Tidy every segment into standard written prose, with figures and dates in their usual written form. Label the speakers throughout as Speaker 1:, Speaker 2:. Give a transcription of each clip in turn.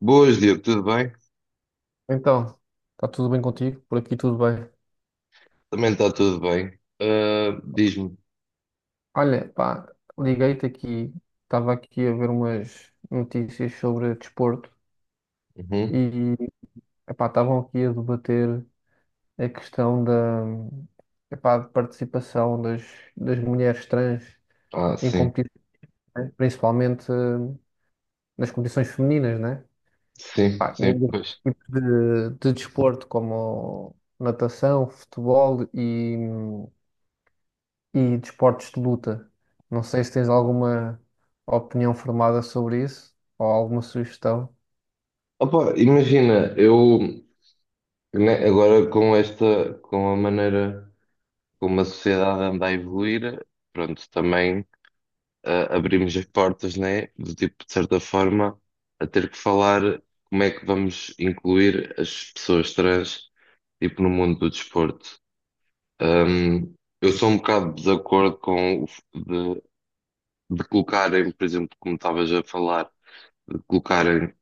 Speaker 1: Boas, Diogo, tudo bem?
Speaker 2: Então, está tudo bem contigo? Por aqui tudo bem.
Speaker 1: Também está tudo bem. Ah, diz-me.
Speaker 2: Olha, pá, liguei-te aqui, estava aqui a ver umas notícias sobre desporto
Speaker 1: Uhum.
Speaker 2: e, epá, estavam aqui a debater a epá, de participação das mulheres trans
Speaker 1: Ah,
Speaker 2: em
Speaker 1: sim,
Speaker 2: competições, né? Principalmente nas competições femininas, né?
Speaker 1: sim,
Speaker 2: Pá, e em
Speaker 1: sim, pois.
Speaker 2: diversos tipos de desporto, como natação, futebol e desportos de luta. Não sei se tens alguma opinião formada sobre isso ou alguma sugestão.
Speaker 1: Opa, imagina, eu né, agora com esta, com a maneira como a sociedade anda a evoluir, pronto, também abrimos as portas, né, do tipo, de certa forma, a ter que falar como é que vamos incluir as pessoas trans, tipo, no mundo do desporto. Ahm, eu sou um bocado de desacordo com de colocarem, por exemplo, como estavas a falar, de colocarem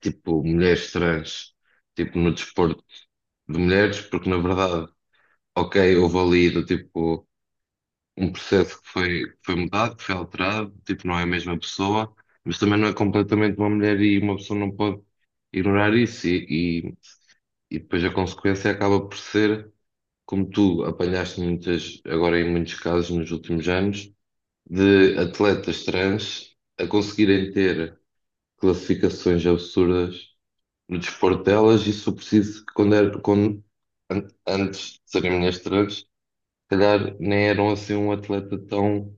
Speaker 1: tipo mulheres trans tipo no desporto de mulheres, porque na verdade, ok, houve ali do tipo um processo que foi mudado, que foi alterado, tipo, não é a mesma pessoa, mas também não é completamente uma mulher e uma pessoa não pode ignorar isso, e depois a consequência acaba por ser, como tu apanhaste muitas, agora em muitos casos nos últimos anos, de atletas trans a conseguirem ter classificações absurdas no desporto delas, e se for preciso, quando, era, quando antes de serem ministrantes, se calhar nem eram assim um atleta tão,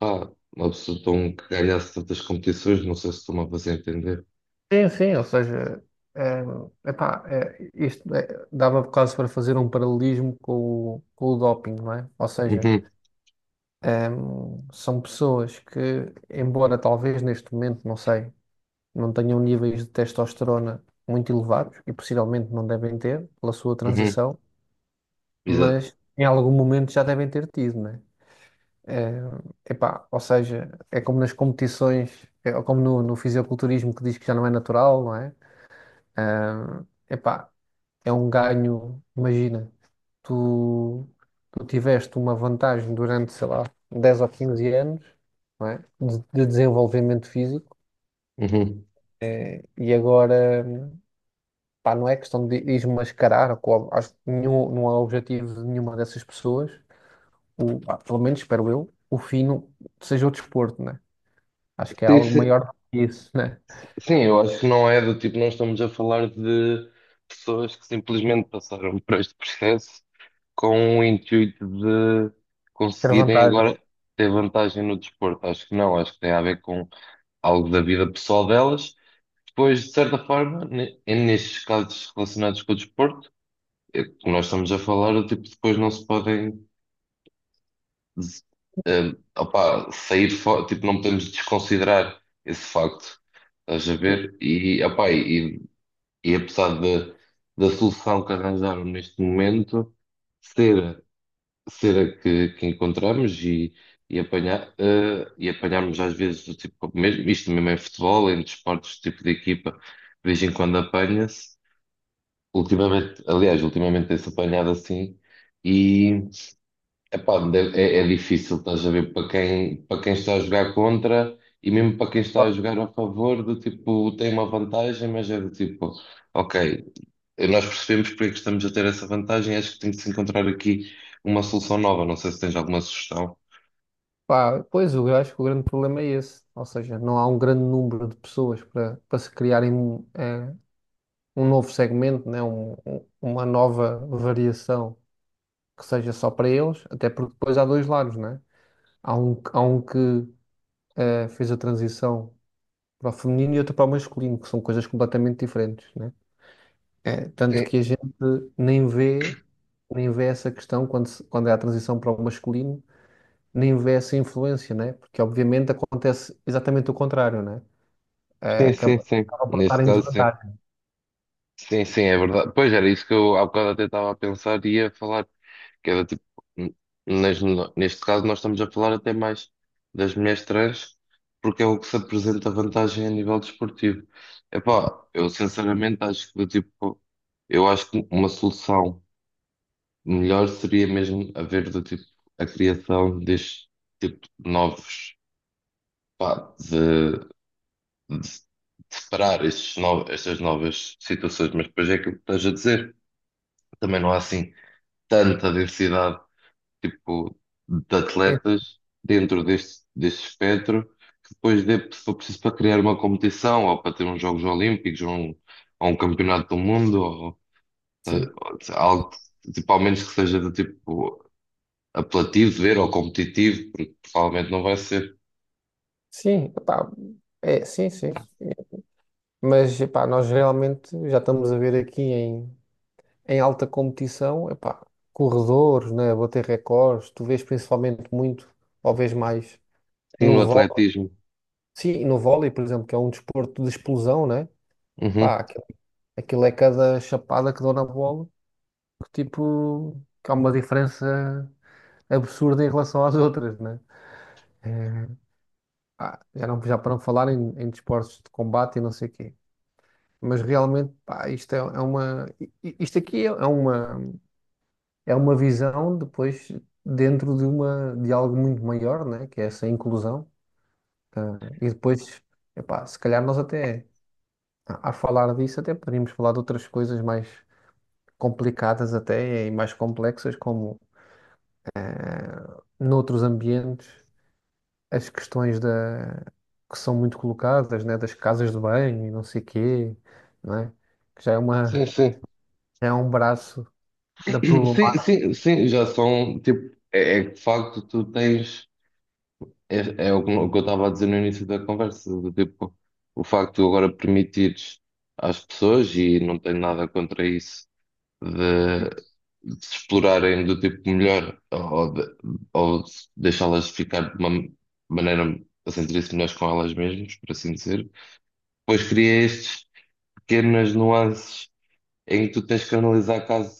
Speaker 1: ah uma pessoa tão que ganhasse tantas competições, não sei se estou-me a fazer entender.
Speaker 2: Sim, sim, ou seja, eh, isto dava quase para fazer um paralelismo com com o doping, não é? Ou seja,
Speaker 1: Uhum,
Speaker 2: são pessoas que, embora talvez neste momento, não sei, não tenham níveis de testosterona muito elevados e possivelmente não devem ter pela sua
Speaker 1: uhum,
Speaker 2: transição,
Speaker 1: exato.
Speaker 2: mas em algum momento já devem ter tido, né? Eh, ou seja, é como nas competições, é como no fisiculturismo que diz que já não é natural, não é? Ah, Epá, é um ganho, imagina, tu, tu tiveste uma vantagem durante, sei lá, 10 ou 15 anos, não é? De desenvolvimento físico
Speaker 1: Uhum.
Speaker 2: e agora, pá, não é questão de desmascarar, acho que nenhum, não é objetivo de nenhuma dessas pessoas, pá, pelo menos espero eu, o fim não- seja o desporto, né? Acho que é
Speaker 1: Sim,
Speaker 2: algo
Speaker 1: sim,
Speaker 2: maior do que isso, né?
Speaker 1: sim, eu acho que não é do tipo, não estamos a falar de pessoas que simplesmente passaram por este processo com o intuito de
Speaker 2: Ter
Speaker 1: conseguirem
Speaker 2: vantagem.
Speaker 1: agora ter vantagem no desporto. Acho que não, acho que tem a ver com algo da vida pessoal delas. Depois, de certa forma, nestes casos relacionados com o desporto, é que nós estamos a falar, tipo, depois não se podem des- opá, sair fora, tipo, não podemos desconsiderar esse facto. Estás a ver? E apesar de, da solução que arranjaram neste momento ser cera que encontramos e apanhar, e apanharmos às vezes do tipo, mesmo, isto mesmo em futebol, em desportos, tipo de equipa, de vez em quando apanha-se. Ultimamente, aliás, ultimamente tem-se apanhado assim e epá, é, é difícil, estás a ver, para quem está a jogar contra e mesmo para quem está a
Speaker 2: Claro.
Speaker 1: jogar a favor, do tipo, tem uma vantagem, mas é do tipo, ok, nós percebemos porque é que estamos a ter essa vantagem. Acho que tem que se encontrar aqui uma solução nova. Não sei se tens alguma sugestão.
Speaker 2: Pá, pois, eu acho que o grande problema é esse. Ou seja, não há um grande número de pessoas para se criarem um novo segmento, né? Uma nova variação que seja só para eles, até porque depois há dois lados, né? Há um que fez a transição para o feminino e outro para o masculino, que são coisas completamente diferentes, né? É, tanto
Speaker 1: Sim,
Speaker 2: que a gente nem vê, nem vê essa questão quando, se- quando é a transição para o masculino nem vê essa influência, né? Porque obviamente acontece exatamente o contrário, né? Eh,
Speaker 1: sim, sim, sim.
Speaker 2: acaba por estar
Speaker 1: Neste
Speaker 2: em
Speaker 1: caso, sim.
Speaker 2: desvantagem.
Speaker 1: Sim, sim, é verdade. Pois era isso que eu há bocado até estava a pensar e ia falar, que era tipo, n- nas- neste caso nós estamos a falar até mais das mulheres trans, porque é o que se apresenta vantagem a nível desportivo. Epá, eu sinceramente acho que tipo, eu acho que uma solução. Melhor seria mesmo haver do tipo a criação deste tipo de novos, pá, de separar estes estas novas situações, mas depois é aquilo que estás a dizer. Também não há assim tanta diversidade tipo de
Speaker 2: Sim,
Speaker 1: atletas dentro deste, deste espectro que depois dê, se for preciso para criar uma competição ou para ter uns Jogos Olímpicos ou um Campeonato do Mundo ou
Speaker 2: sim.
Speaker 1: algo tipo, ao menos que seja do tipo apelativo de ver ou competitivo, porque provavelmente não vai ser.
Speaker 2: Sim, epá, é, sim, sim. Mas epá, nós realmente já estamos a ver aqui em, em alta competição, epá, corredores, né? Bater recordes, tu vês principalmente muito, ou vês mais
Speaker 1: Sim, no
Speaker 2: no vôlei.
Speaker 1: atletismo.
Speaker 2: Sim, no vôlei, por exemplo, que é um desporto de explosão, né? Pá,
Speaker 1: Uhum.
Speaker 2: aquilo é cada chapada que dou na bola, que tipo, que há uma diferença absurda em relação às outras, né? É, pá, já não, já para não falar em desportos de combate e não sei o quê. Mas realmente, pá, isto aqui é uma, é uma visão depois dentro de uma, de algo muito maior, né? Que é essa inclusão. Tá? E depois, epá, se calhar nós até, a falar disso, até poderíamos falar de outras coisas mais complicadas até e mais complexas, como noutros ambientes as questões que são muito colocadas, né, das casas de banho e não sei quê, não é? Que já é
Speaker 1: Sim,
Speaker 2: uma,
Speaker 1: sim.
Speaker 2: é um braço da
Speaker 1: Sim,
Speaker 2: problemática.
Speaker 1: sim, sim, já são, tipo, é, é que de facto tu tens, é, é o que eu estava a dizer no início da conversa, do tipo, o facto de tu agora permitires às pessoas, e não tenho nada contra isso, de, de se explorarem do tipo melhor, ou de deixá-las ficar de uma maneira a sentir-se melhores com elas mesmas, por assim dizer, pois cria estes pequenas nuances em que tu tens que analisar caso,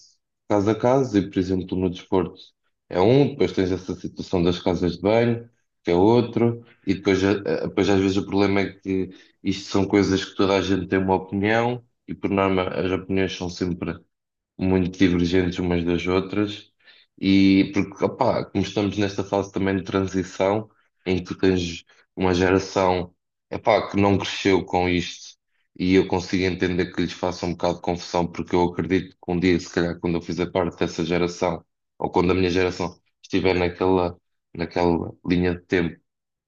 Speaker 1: caso a caso, e por exemplo, no desporto é um, depois tens essa situação das casas de banho, que é outro, e depois, depois às vezes o problema é que isto são coisas que toda a gente tem uma opinião, e por norma as opiniões são sempre muito divergentes umas das outras, e porque, opá, como estamos nesta fase também de transição, em que tu tens uma geração, epá, que não cresceu com isto, e eu consigo entender que lhes faça um bocado de confusão, porque eu acredito que um dia, se calhar, quando eu fizer parte dessa geração, ou quando a minha geração estiver naquela linha de tempo.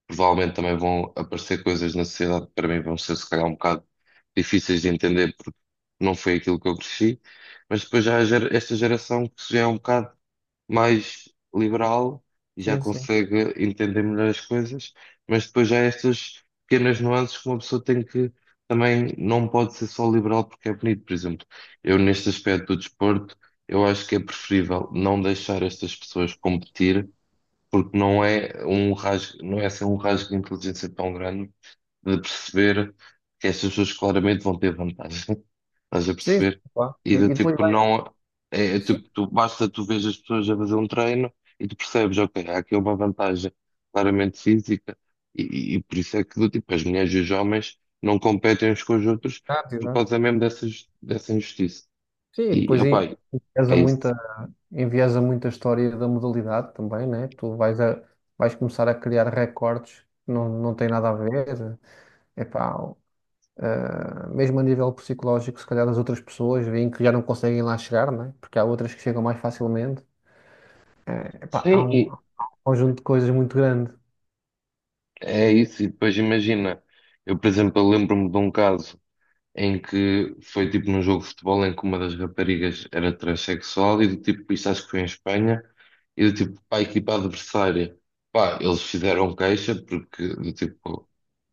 Speaker 1: Provavelmente também vão aparecer coisas na sociedade que para mim vão ser se calhar um bocado difíceis de entender porque não foi aquilo que eu cresci, mas depois já há esta geração que já é um bocado mais liberal e já
Speaker 2: Sim, sim.
Speaker 1: consegue entender melhor as coisas, mas depois já há estas pequenas nuances que uma pessoa tem que também não pode ser só liberal porque é bonito, por exemplo. Eu neste aspecto do desporto, eu acho que é preferível não deixar estas pessoas competir porque não é um rasgo, não é assim um rasgo de inteligência tão grande de perceber que estas pessoas claramente vão ter vantagem. Estás a
Speaker 2: Sim, sim,
Speaker 1: perceber?
Speaker 2: claro.
Speaker 1: E
Speaker 2: E
Speaker 1: do
Speaker 2: depois
Speaker 1: tipo,
Speaker 2: vai.
Speaker 1: não é, é
Speaker 2: Sim,
Speaker 1: tipo, tu, basta tu veres as pessoas a fazer um treino e tu percebes, ok, há aqui uma vantagem claramente física, e por isso é que do tipo, as mulheres e os homens não competem uns com os outros
Speaker 2: exato,
Speaker 1: por
Speaker 2: exato.
Speaker 1: causa mesmo dessas, dessa injustiça.
Speaker 2: Sim,
Speaker 1: E,
Speaker 2: pois
Speaker 1: opá,
Speaker 2: enviesa
Speaker 1: é isso.
Speaker 2: muita, enviesa muita história da modalidade também, né? Vais começar a criar recordes que não, não tem nada a ver. Epá, mesmo a nível psicológico, se calhar as outras pessoas veem que já não conseguem lá chegar, né? Porque há outras que chegam mais facilmente. Epá,
Speaker 1: Sim,
Speaker 2: há um conjunto de coisas muito grande.
Speaker 1: é isso, e depois imagina, eu por exemplo, eu lembro-me de um caso em que foi tipo num jogo de futebol em que uma das raparigas era transexual e do tipo, isto acho que foi em Espanha, e do tipo, para a equipa adversária, pá, eles fizeram queixa porque do tipo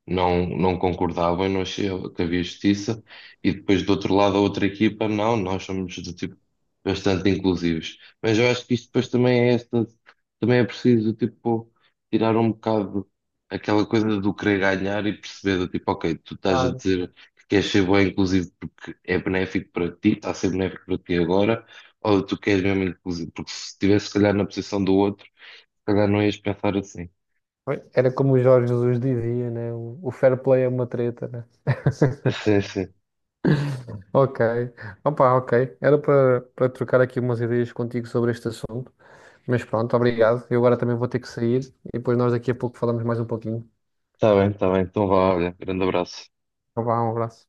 Speaker 1: não, não concordava e não achava que havia justiça. E depois do outro lado, a outra equipa, não, nós somos do tipo bastante inclusivos. Mas eu acho que isto depois também é esta, também é preciso tipo tirar um bocado aquela coisa do querer ganhar e perceber do tipo, ok, tu estás a
Speaker 2: Claro.
Speaker 1: dizer que queres ser bom inclusivo porque é benéfico para ti, está a ser benéfico para ti agora, ou tu queres mesmo inclusivo, porque se estivesse se calhar na posição do outro, se calhar não ias pensar assim.
Speaker 2: Era como o Jorge Jesus dizia, né? O fair play é uma treta, né?
Speaker 1: Sim, sim.
Speaker 2: Ok. Opa, ok. Era para trocar aqui umas ideias contigo sobre este assunto. Mas pronto, obrigado. Eu agora também vou ter que sair e depois nós daqui a pouco falamos mais um pouquinho.
Speaker 1: Está bem, está bem. Então vá, olha, grande abraço.
Speaker 2: Então vá, um abraço.